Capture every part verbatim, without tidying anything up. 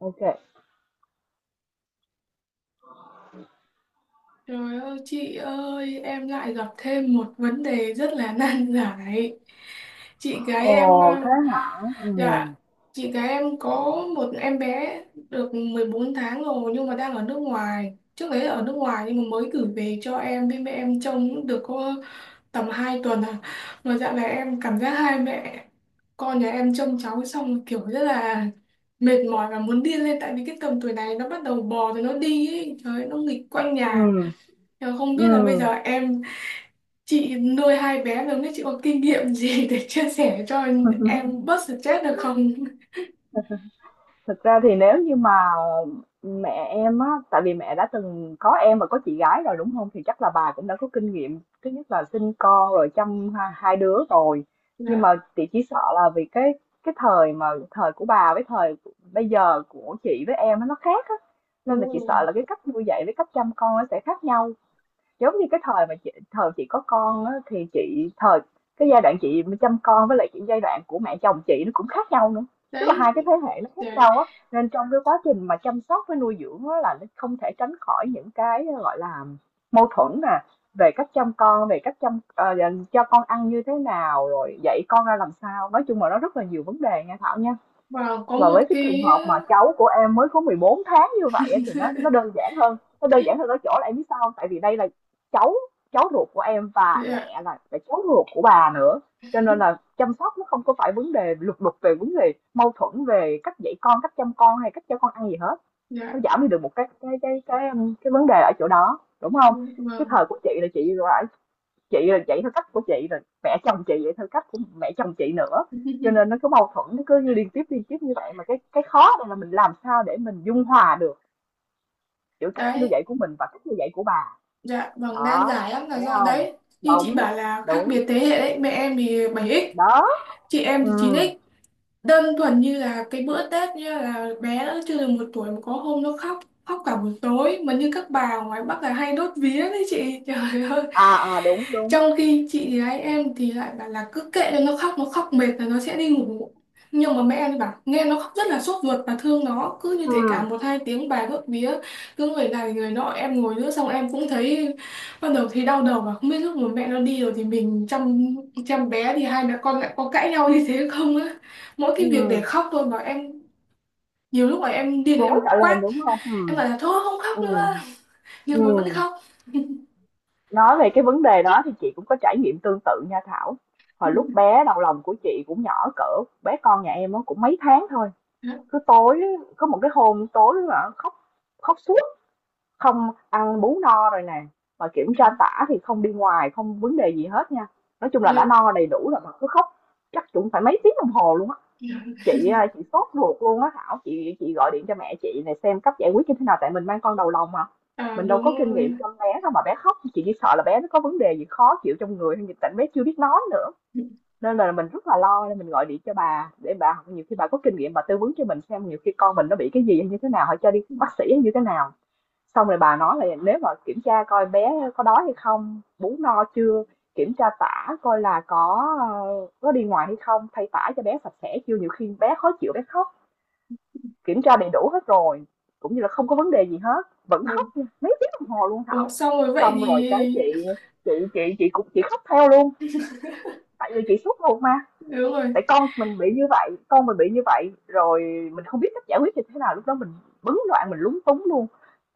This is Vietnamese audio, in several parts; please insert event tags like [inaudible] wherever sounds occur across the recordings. OK. kê. Trời ơi chị ơi, em lại gặp thêm một vấn đề rất là [laughs] nan giải. Chị gái Ồ, em, à, thế hả? ừ, dạ, chị gái em có một em bé được mười bốn tháng rồi, nhưng mà đang ở nước ngoài. Trước đấy là ở nước ngoài nhưng mà mới gửi về cho em với mẹ em trông cũng được có tầm hai tuần à. Mà dạo này em cảm giác hai mẹ con nhà em trông cháu xong kiểu rất là mệt mỏi và muốn điên lên, tại vì cái tầm tuổi này nó bắt đầu bò rồi nó đi ấy. Trời ơi, nó nghịch quanh nhà. ừm, Ờ, không biết là bây giờ ừm. em, chị nuôi hai bé lớn đấy, chị có kinh nghiệm gì để [laughs] chia sẻ cho em bớt [laughs] stress được không? Thực ra thì nếu như mà mẹ em á, tại vì mẹ đã từng có em và có chị gái rồi, đúng không? Thì chắc là bà cũng đã có kinh nghiệm, thứ nhất là sinh con rồi chăm hai hai đứa rồi. Nhưng Dạ, mà chị chỉ sợ là vì cái cái thời mà thời của bà với thời bây giờ của chị với em á, nó khác á, nên là đúng chị rồi. sợ là cái cách nuôi dạy với cách chăm con nó sẽ khác nhau. Giống như cái thời mà chị thời chị có con á, thì chị thời cái giai đoạn chị mà chăm con với lại cái giai đoạn của mẹ chồng chị nó cũng khác nhau nữa. Tức là Đấy, hai cái thế hệ nó khác để, nhau á, nên trong cái quá trình mà chăm sóc với nuôi dưỡng á, là nó không thể tránh khỏi những cái ờ, gọi là mâu thuẫn nè, về cách chăm con, về cách chăm ờ, cho con ăn như thế nào, rồi dạy con ra làm sao. Nói chung là nó rất là nhiều vấn đề nha Thảo nha. và có Và một với cái trường cái. hợp mà cháu của em mới có mười bốn tháng như vậy á, thì nó nó đơn [laughs] giản hơn, nó đơn giản hơn ở chỗ là em biết sao không? Tại vì đây là cháu cháu ruột của em và Dạ, mẹ là là cháu ruột của bà nữa, cho nên là chăm sóc nó không có phải vấn đề lục đục về vấn đề mâu thuẫn về cách dạy con, cách chăm con hay cách cho con ăn gì hết. Nó dạ giảm đi được một cái cái cái cái, cái vấn đề ở chỗ đó, đúng không? Cái vâng. thời của chị là chị phải chị là vậy theo cách của chị rồi mẹ chồng chị vậy theo cách của mẹ chồng chị nữa, cho nên nó [laughs] cứ mâu thuẫn nó cứ liên tiếp liên tiếp như vậy, mà cái cái khó đây là mình làm sao để mình dung hòa được giữa cách nuôi Đấy, dạy của mình và cách nuôi dạy của bà. dạ vâng, nan Đó, giải lắm là thấy do không? đấy. Như chị Đúng bảo là khác đúng biệt thế hệ đấy, mẹ em thì bảy ích, đó. chị em ừ thì chín ích. Đơn thuần như là cái bữa Tết, như là bé nó chưa được một tuổi mà có hôm nó khóc, khóc cả buổi tối. Mà như các bà ngoài Bắc là hay đốt vía đấy chị, [laughs] trời ơi. À à đúng đúng. Trong khi chị gái em thì lại bảo là cứ kệ cho nó khóc, nó khóc mệt là nó sẽ đi ngủ, nhưng mà mẹ em thì bảo nghe nó khóc rất là sốt ruột và thương nó, cứ như ừ thế cả một hai tiếng, bà đốt vía cứ người này người nọ. Em ngồi nữa xong em cũng thấy, bắt đầu thấy đau đầu, mà không biết lúc mà mẹ nó đi rồi thì mình chăm chăm bé thì hai mẹ con lại có cãi nhau như thế không á? Mỗi cái việc để ừ khóc thôi mà em nhiều lúc mà em điên thì Rối em cả lên quát, đúng không? ừ em bảo là thôi không khóc ừ nữa, nhưng nó vẫn ừ khóc. nói về cái vấn đề đó thì chị cũng có trải nghiệm tương tự nha Thảo. Hồi lúc bé đầu lòng của chị cũng nhỏ cỡ bé con nhà em, nó cũng mấy tháng thôi. Cứ [laughs] tối, có một cái hôm tối mà khóc, khóc suốt, không ăn bú no rồi nè, mà kiểm tra tả thì không đi ngoài, không vấn đề gì hết nha. Nói chung là Dạ, đã dạ, no đầy đủ rồi mà cứ khóc, chắc cũng phải mấy tiếng đồng hồ luôn á. dạ. Chị à, chị sốt ruột luôn á Thảo, chị chị gọi điện cho mẹ chị này xem cách giải quyết như thế nào tại mình mang con đầu lòng mà. À, Mình đâu đúng có kinh rồi. nghiệm chăm bé đâu mà bé khóc, chị chỉ sợ là bé nó có vấn đề gì khó chịu trong người hay gì tại bé chưa biết nói nữa, nên là mình rất là lo, nên mình gọi điện cho bà để bà, nhiều khi bà có kinh nghiệm bà tư vấn cho mình xem nhiều khi con mình nó bị cái gì hay như thế nào, hay cho đi bác sĩ hay như thế nào. Xong rồi bà nói là nếu mà kiểm tra coi bé có đói hay không, bú no chưa, kiểm tra tả coi là có ờ, có đi ngoài hay không, thay tả cho bé sạch sẽ chưa, nhiều khi bé khó chịu bé khóc. Kiểm tra đầy đủ hết rồi cũng như là không có vấn đề gì hết, vẫn khóc Ồ, nha, mấy tiếng đồng hồ luôn ồ, Thảo. xong rồi vậy Xong thì. rồi cái chị chị chị chị cũng chị khóc theo luôn, tại vì chị suốt ruột mà. Đúng rồi. Tại con mình bị như vậy, con mình bị như vậy rồi mình không biết cách giải quyết như thế nào, lúc đó mình bấn loạn mình lúng túng luôn.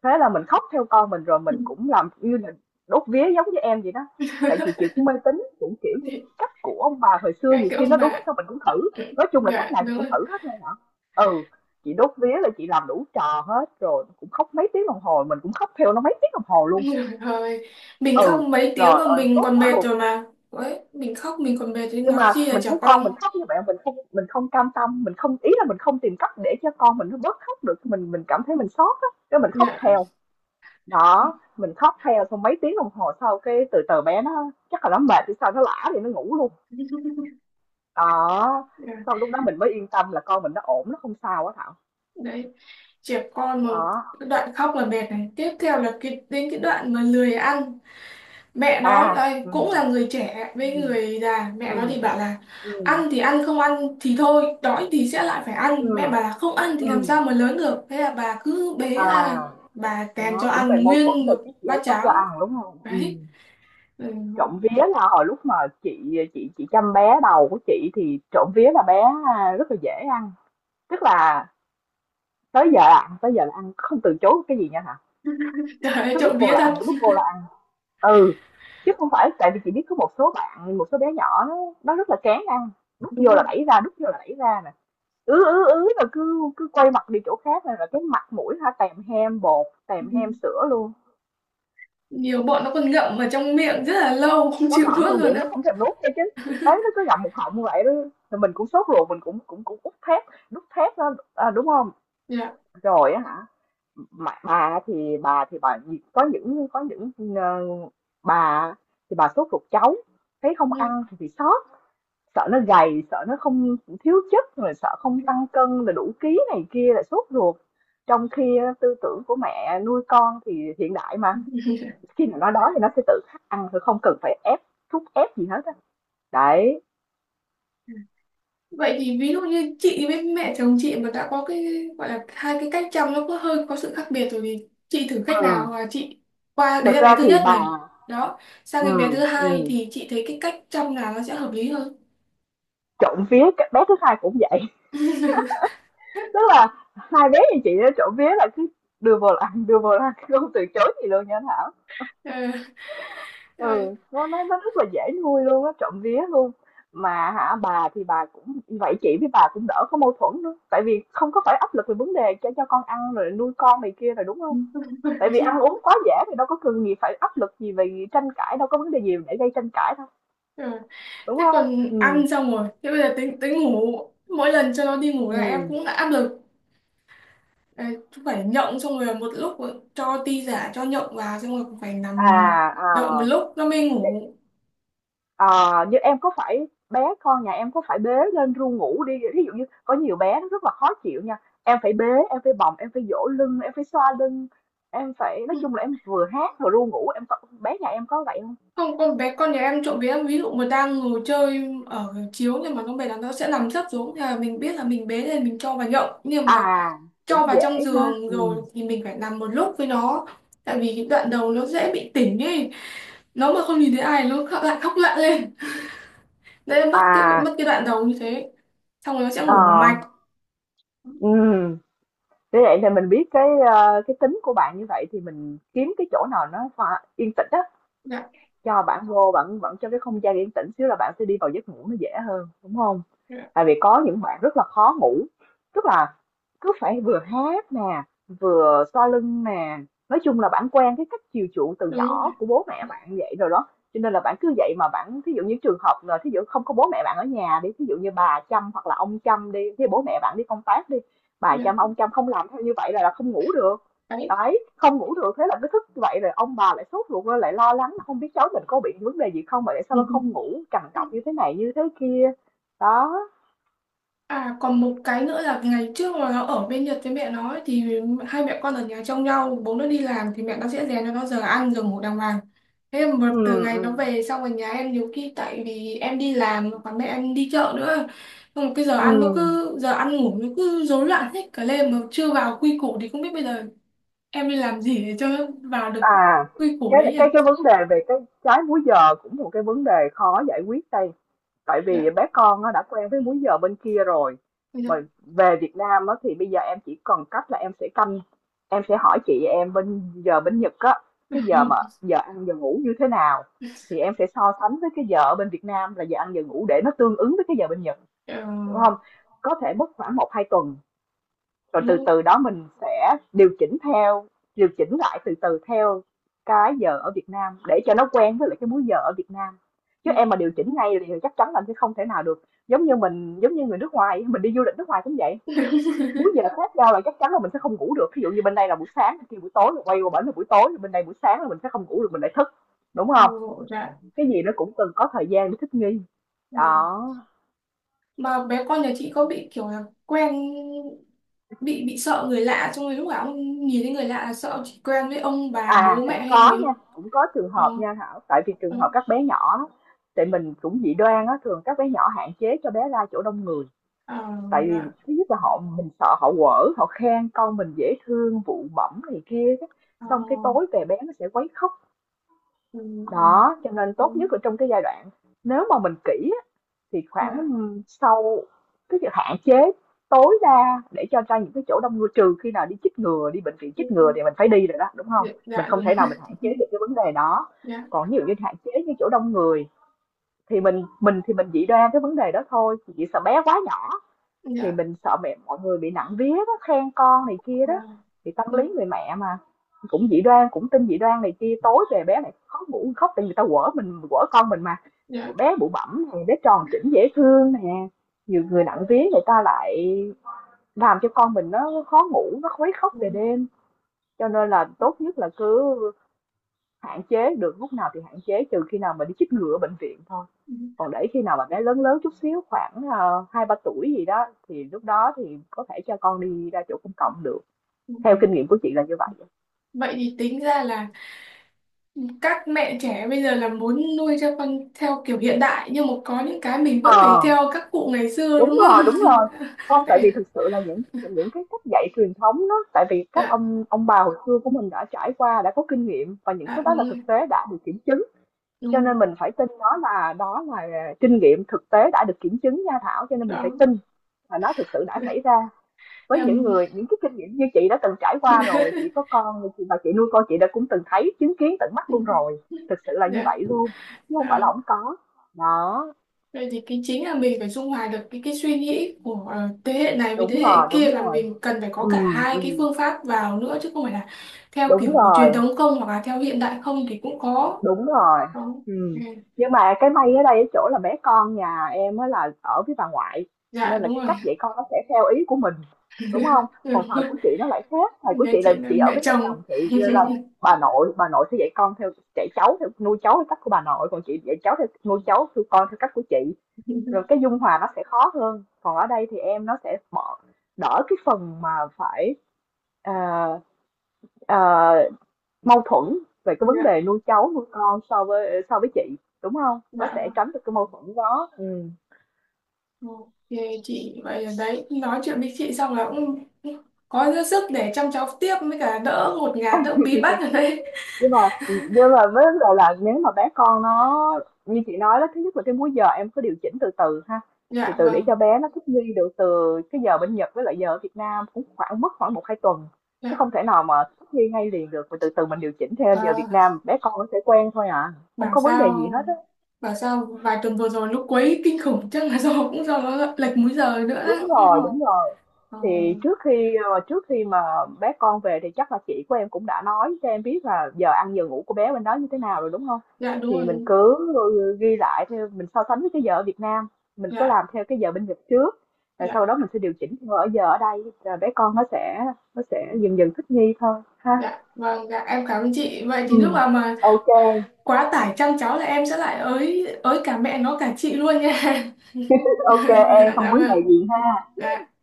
Thế là mình khóc theo con mình, rồi mình cũng làm như là đốt vía giống như em vậy đó, tại vì chị [laughs] cũng mê tín cũng kiểu Dạ, như cách của ông bà hồi xưa ngay nhiều cái khi ông nó đúng bà. sao mình cũng thử. Nói chung là cách Dạ nào chị đúng cũng rồi. thử hết luôn hả. Ừ, chị đốt vía là chị làm đủ trò hết, rồi cũng khóc mấy tiếng đồng hồ, mình cũng khóc theo nó mấy tiếng đồng hồ luôn. Trời ơi, mình Ừ, khóc mấy tiếng rồi mà ơi mình tốt còn cả mệt ruột. rồi mà. Đấy, mình khóc mình còn mệt thì Nhưng nói chi mà là mình trẻ thấy con mình con. khóc như vậy, mình không mình không cam tâm, mình không, ý là mình không tìm cách để cho con mình nó bớt khóc được, mình mình cảm thấy mình xót á, cái mình khóc Dạ. theo. Đó, [laughs] mình khóc theo xong mấy tiếng đồng hồ sau cái từ từ bé nó chắc là nó mệt thì sao, nó lả thì nó ngủ luôn. Đó, Dạ. sau lúc đó mình mới yên tâm là con mình nó ổn, nó không sao á Thảo. Đấy, trẻ con mà. Đó. Cái đoạn khóc là mệt này, tiếp theo là cái đến cái đoạn mà lười ăn. Mẹ nó À, đây ừ, cũng là người trẻ với ừ, người già, mẹ ừ, nó thì bảo là ừ, ăn thì ăn, không ăn thì thôi, đói thì sẽ lại phải ừ, ăn. Mẹ bảo là không ăn thì ừ. làm sao mà lớn được, thế là bà cứ bế ra À, bà kèm cho Đó cũng về ăn mâu thuẫn nguyên một về cái gì bát ấy, cấp cho cháo. ăn đúng không? Ừ. Đấy, ừ. Trộm vía là hồi lúc mà chị chị chị chăm bé đầu của chị thì trộm vía là bé à, rất là dễ ăn, tức là tới giờ là ăn, tới giờ là ăn, không từ chối cái gì nha hả, Trời ơi, cứ đút trộm vô vía là thật. ăn, đút vô là ăn. Ừ, chứ không phải, tại vì chị biết có một số bạn, một số bé nhỏ nó nó rất là kén ăn, [laughs] đút Đúng vô là rồi. đẩy ra, đút vô là đẩy ra nè, ứ ứ ứ là cứ cứ quay mặt đi chỗ khác này, là cái mặt mũi ha, tèm hem bột tèm hem sữa luôn. Nhiều bọn nó còn ngậm ở trong miệng rất là lâu không Nó chịu ngậm nuốt trong luôn miệng nó á. không thèm nuốt nha, chứ đấy nó cứ ngậm một họng như vậy đó. Rồi mình cũng sốt ruột, mình cũng cũng cũng út thép, đút thép đó à, đúng không, Dạ. rồi á hả. Mà, bà thì bà thì bà có những có những ờ, bà thì bà sốt ruột cháu thấy không ăn thì bị sốt, sợ nó gầy, sợ nó không, thiếu chất rồi, sợ không Ừ. tăng cân là đủ ký này kia, là sốt ruột. Trong khi á, tư tưởng của mẹ nuôi con thì hiện đại mà, khi mà nó đói thì nó sẽ tự khắc ăn thôi, không cần phải ép, thúc ép gì hết á. Đấy, Vậy thì ví dụ như chị với mẹ chồng chị mà đã có cái gọi là hai cái cách chăm, nó có hơi có sự khác biệt rồi, thì chị thử cách nào, Ừm. hoặc là chị qua đấy thực là bé ra thứ thì nhất bà, này, đó, sang đến bé ừm, thứ hai ừm, thì chị thấy cái cách chăm nào nó sẽ hợp lý hơn? trộm vía cái bé thứ hai cũng vậy, [laughs] [laughs] tức là hai bé như chị đó, trộm vía là cứ đưa vào ăn, đưa vào ăn, không từ chối gì luôn nha Thảo. Ờ, ờ, Ừ, nó nó nó rất là dễ nuôi luôn á, trộm vía luôn. Mà hả, bà thì bà cũng vậy, chị với bà cũng đỡ có mâu thuẫn nữa, tại vì không có phải áp lực về vấn đề cho cho con ăn rồi nuôi con này kia rồi đúng không? Tại vì ăn uống quá dễ thì đâu có cần gì phải áp lực gì về tranh cãi, đâu có vấn đề gì để gây tranh cãi đâu, ờ. [laughs] đúng Thế không? còn Ừm, ăn xong rồi thế bây giờ tính tính ngủ, mỗi lần cho nó đi ngủ là em ừm. cũng đã áp lực. Ờ, cũng phải nhộng xong rồi một lúc cho ti giả cho nhộng vào, xong rồi cũng phải À, nằm ờ, đợi một lúc nó mới thế, ngủ. ờ, Như em, có phải bé con nhà em có phải bế lên ru ngủ đi, ví dụ như có nhiều bé nó rất là khó chịu nha, em phải bế, em phải bồng, em phải dỗ lưng, em phải xoa lưng, em phải, nói Ừ. chung là em vừa hát vừa ru ngủ, em có, bé nhà em có vậy không? Không, con bé con nhà em trộm vía em ví dụ mà đang ngồi chơi ở chiếu, nhưng mà con bé đó nó sẽ nằm sấp xuống thì là mình biết là mình bế lên mình cho vào nhậu, nhưng À mà cũng cho vào trong dễ ha. giường Ừ. rồi thì mình phải nằm một lúc với nó, tại vì cái đoạn đầu nó dễ bị tỉnh ấy, nó mà không nhìn thấy ai nó khóc- lại khóc lạ lên, nên mất cái À. mất cái đoạn đầu như thế, xong rồi nó sẽ Ờ. ngủ một mạch. Ừ. Thế vậy thì mình biết cái ờ, cái tính của bạn như vậy thì mình kiếm cái chỗ nào nó pha- yên tĩnh á, Dạ, cho bạn vô bạn vẫn cho cái không gian yên tĩnh xíu là bạn sẽ đi vào giấc ngủ nó dễ hơn đúng không? dạ Tại vì có những bạn rất là khó ngủ, tức là cứ phải vừa hát nè, vừa xoa lưng nè, nói chung là bạn quen cái cách chiều chuộng từ đúng nhỏ rồi. của bố mẹ bạn vậy rồi đó, cho nên là bạn cứ vậy mà bạn. Thí dụ như trường hợp là thí dụ không có bố mẹ bạn ở nhà đi, thí dụ như bà chăm hoặc là ông chăm đi, thí dụ bố mẹ bạn đi công tác đi, bà Dạ, chăm ông chăm không làm theo như vậy là, là không ngủ được. đấy. Đấy, không ngủ được, thế là cứ thức vậy rồi ông bà lại sốt ruột lên, lại lo lắng không biết cháu mình có bị vấn đề gì không mà tại sao nó không ngủ, [laughs] trằn trọc như thế này như thế kia. Đó. À còn một cái nữa là ngày trước mà nó ở bên Nhật với mẹ nó ấy, thì hai mẹ con ở nhà trông nhau, bố nó đi làm, thì mẹ nó sẽ rèn cho nó giờ ăn giờ ngủ đàng hoàng. Thế mà từ Ừm, ngày nó ừm, về xong ở nhà em, nhiều khi tại vì em đi làm và mẹ em đi chợ nữa, xong rồi cái giờ ăn nó ừm. cứ giờ ăn ngủ nó cứ rối loạn hết cả lên mà chưa vào quy củ, thì không biết bây giờ em đi làm gì để cho nó vào được cái À, quy củ cái đấy nhỉ. cái cái vấn đề về cái trái múi giờ cũng một cái vấn đề khó giải quyết đây. Tại vì Dạ, bé con nó đã quen với múi giờ bên kia rồi mà dạ. về Việt Nam á, thì bây giờ em chỉ còn cách là em sẽ canh, em sẽ hỏi chị em bên giờ bên Nhật á, cái giờ mà giờ ăn giờ ngủ như thế nào, thì em sẽ so sánh với cái giờ ở bên Việt Nam là giờ ăn giờ ngủ để nó tương ứng với cái giờ bên Nhật, Ờ, đúng không? Có thể mất khoảng một hai tuần, rồi đúng từ rồi. từ đó mình sẽ điều chỉnh theo, điều chỉnh lại từ từ theo cái giờ ở Việt Nam để cho nó quen với lại cái múi giờ ở Việt Nam, chứ Dạ. em mà điều chỉnh ngay thì chắc chắn là sẽ không thể nào được. Giống như mình, giống như người nước ngoài mình đi du lịch nước ngoài cũng vậy, múi giờ khác nhau là chắc chắn là mình sẽ không ngủ được, ví dụ như bên đây là buổi sáng bên kia buổi tối, rồi quay qua bển là buổi tối bên đây buổi sáng là mình sẽ không ngủ được, mình lại thức, đúng không? [laughs] Dạ. Cái gì nó cũng cần có thời gian để thích nghi. Ờ. Đó. Mà bé con nhà chị có bị kiểu là quen, bị bị sợ người lạ, xong rồi lúc nào cũng nhìn thấy người lạ là sợ, chỉ quen với ông bà À, bố mẹ cũng hay gì có không? nha, cũng có trường Ờ, hợp nha Thảo, tại vì trường hợp ừ. các bé nhỏ á, tại mình cũng dị đoan á, thường các bé nhỏ hạn chế cho bé ra chỗ đông người. Ờ, Tại dạ, vì thứ nhất là họ, mình sợ họ quở, họ khen con mình dễ thương, vụ bẩm này kia đó. ờ, Xong cái tối về bé nó sẽ quấy khóc. ừ, ừ, Đó, cho nên ừ, tốt nhất là trong cái giai đoạn nếu mà mình kỹ thì ừ, khoảng, dạ, sau, tức là hạn chế tối đa để cho ra những cái chỗ đông người, trừ khi nào đi chích ngừa, đi bệnh viện ừ, chích ngừa ừ. thì mình phải đi rồi đó, đúng không? Dạ, Mình dạ, không đúng. thể nào mình hạn chế được [laughs] cái vấn đề đó. Dạ, Còn ví dụ như hạn chế những chỗ đông người thì mình mình thì mình chỉ đoan cái vấn đề đó thôi, chỉ sợ bé quá nhỏ. Thì dạ, mình sợ mẹ mọi người bị nặng vía đó, khen con này kia ờ, đó, thì tâm dạ, lý người mẹ mà, cũng dị đoan, cũng tin dị đoan này kia, tối về bé này khó ngủ khóc thì người ta quở, mình quở con mình mà. dạ, Bé bụ bẫm nè, bé tròn chỉnh dễ thương nè, nhiều người nặng vía người ta lại làm cho con mình nó khó ngủ, nó khuấy khóc ừ, về đêm. Cho nên là tốt nhất là cứ hạn chế, được lúc nào thì hạn chế trừ khi nào mà đi chích ngừa ở bệnh viện thôi. ừ, Còn để khi nào mà bé lớn lớn chút xíu, khoảng, ờ, hai ba tuổi gì đó, thì lúc đó thì có thể cho con đi ra chỗ công cộng được. ừ. Theo kinh nghiệm của chị là như vậy á. Vậy thì tính ra là các mẹ trẻ bây giờ là muốn nuôi cho con theo kiểu hiện đại, nhưng mà có những cái mình vẫn phải Ờ, à, theo các cụ ngày xưa đúng đúng rồi, không? đúng rồi. [laughs] Không, tại vì Vậy- thực sự là những những cái cách dạy truyền thống đó, tại vì các dạ, ông ông bà hồi xưa của mình đã trải qua, đã có kinh nghiệm và những cái dạ đó đúng là rồi, thực tế đã được kiểm chứng. Cho đúng nên rồi. mình phải tin nó, là đó là kinh nghiệm thực tế đã được kiểm chứng nha Thảo, cho nên mình phải Đó. tin là nó thực sự đã xảy ra. [laughs] Với những Em. người những cái kinh nghiệm như chị đã từng trải qua rồi, chị có con rồi, chị và chị nuôi con, chị đã cũng từng thấy, chứng kiến tận mắt luôn rồi, thực sự là như Dạ, vậy luôn, chứ không phải là đó. không có. Đó. Vậy thì cái chính là mình phải dung hòa được cái cái suy nghĩ của, ờ, thế hệ này với thế Đúng hệ rồi, kia, đúng là rồi, mình cần phải có ừ, cả hai ừ, cái phương pháp vào nữa, chứ không phải là theo đúng kiểu truyền rồi. thống không, hoặc là theo hiện đại không thì cũng có. Đúng rồi. Đó. Ừ. Ừm. Nhưng mà cái may ở đây ở chỗ là bé con nhà em á là ở với bà ngoại, Dạ, nên là đúng cái cách rồi. dạy con nó sẽ theo ý của mình, đúng không? [laughs] Còn Đúng thời rồi. của chị nó lại khác, thời của Nhà chị là chị là chị ở mẹ với mẹ chồng. chồng chị, nên là bà nội bà nội sẽ dạy con theo, dạy cháu theo, nuôi cháu theo cách của bà nội, còn chị dạy cháu theo, nuôi cháu theo con theo cách của chị, rồi cái dung hòa nó sẽ khó hơn. Còn ở đây thì em nó sẽ bỏ đỡ cái phần mà phải, ờ, ờ mâu thuẫn về cái vấn Dạ, đề nuôi cháu, nuôi con, so với so với chị, đúng không? Nó dạ sẽ vâng. tránh được cái mâu thuẫn đó, ừm. OK chị. Vậy là đấy, nói chuyện với chị xong là cũng có dư sức để chăm cháu tiếp, với cả đỡ ngột ngạt, đỡ bí bách ở đây. Nhưng mà nhưng mà với vấn đề là nếu mà bé con nó như chị nói đó, thứ nhất là cái múi giờ em cứ điều chỉnh từ từ ha, thì Dạ từ để vâng, cho bé nó thích nghi được từ cái giờ bên Nhật với lại giờ ở Việt Nam cũng khoảng mất khoảng một hai tuần, chứ dạ. không thể nào mà thích nghi ngay liền được, mà từ từ mình điều chỉnh theo giờ Việt À, Nam, bé con nó sẽ quen thôi à, không bảo có vấn đề gì sao hết á. bảo sao vài tuần vừa rồi lúc quấy kinh khủng, chắc là do, cũng do nó lệch múi giờ nữa. Đúng Đấy. rồi, đúng rồi. Ờ, Thì trước khi, ờ, trước khi mà bé con về thì chắc là chị của em cũng đã nói cho em biết là giờ ăn giờ ngủ của bé bên đó như thế nào rồi, đúng không? dạ đúng Thì mình rồi. cứ ghi lại theo, mình so sánh với cái giờ ở Việt Nam, mình cứ Dạ, làm theo cái giờ bên Nhật trước. Rồi dạ, sau đó mình sẽ điều chỉnh theo ở giờ ở đây, rồi bé con nó sẽ nó sẽ dần dần thích nghi thôi ha. dạ. Vâng, dạ em cảm ơn chị. Vậy thì lúc Ừ. nào mà Ok, quá tải chăm cháu là em sẽ lại ới ới cả mẹ nó cả chị luôn nha. [laughs] ok em Dạ, không dạ vấn đề vâng. gì. Dạ.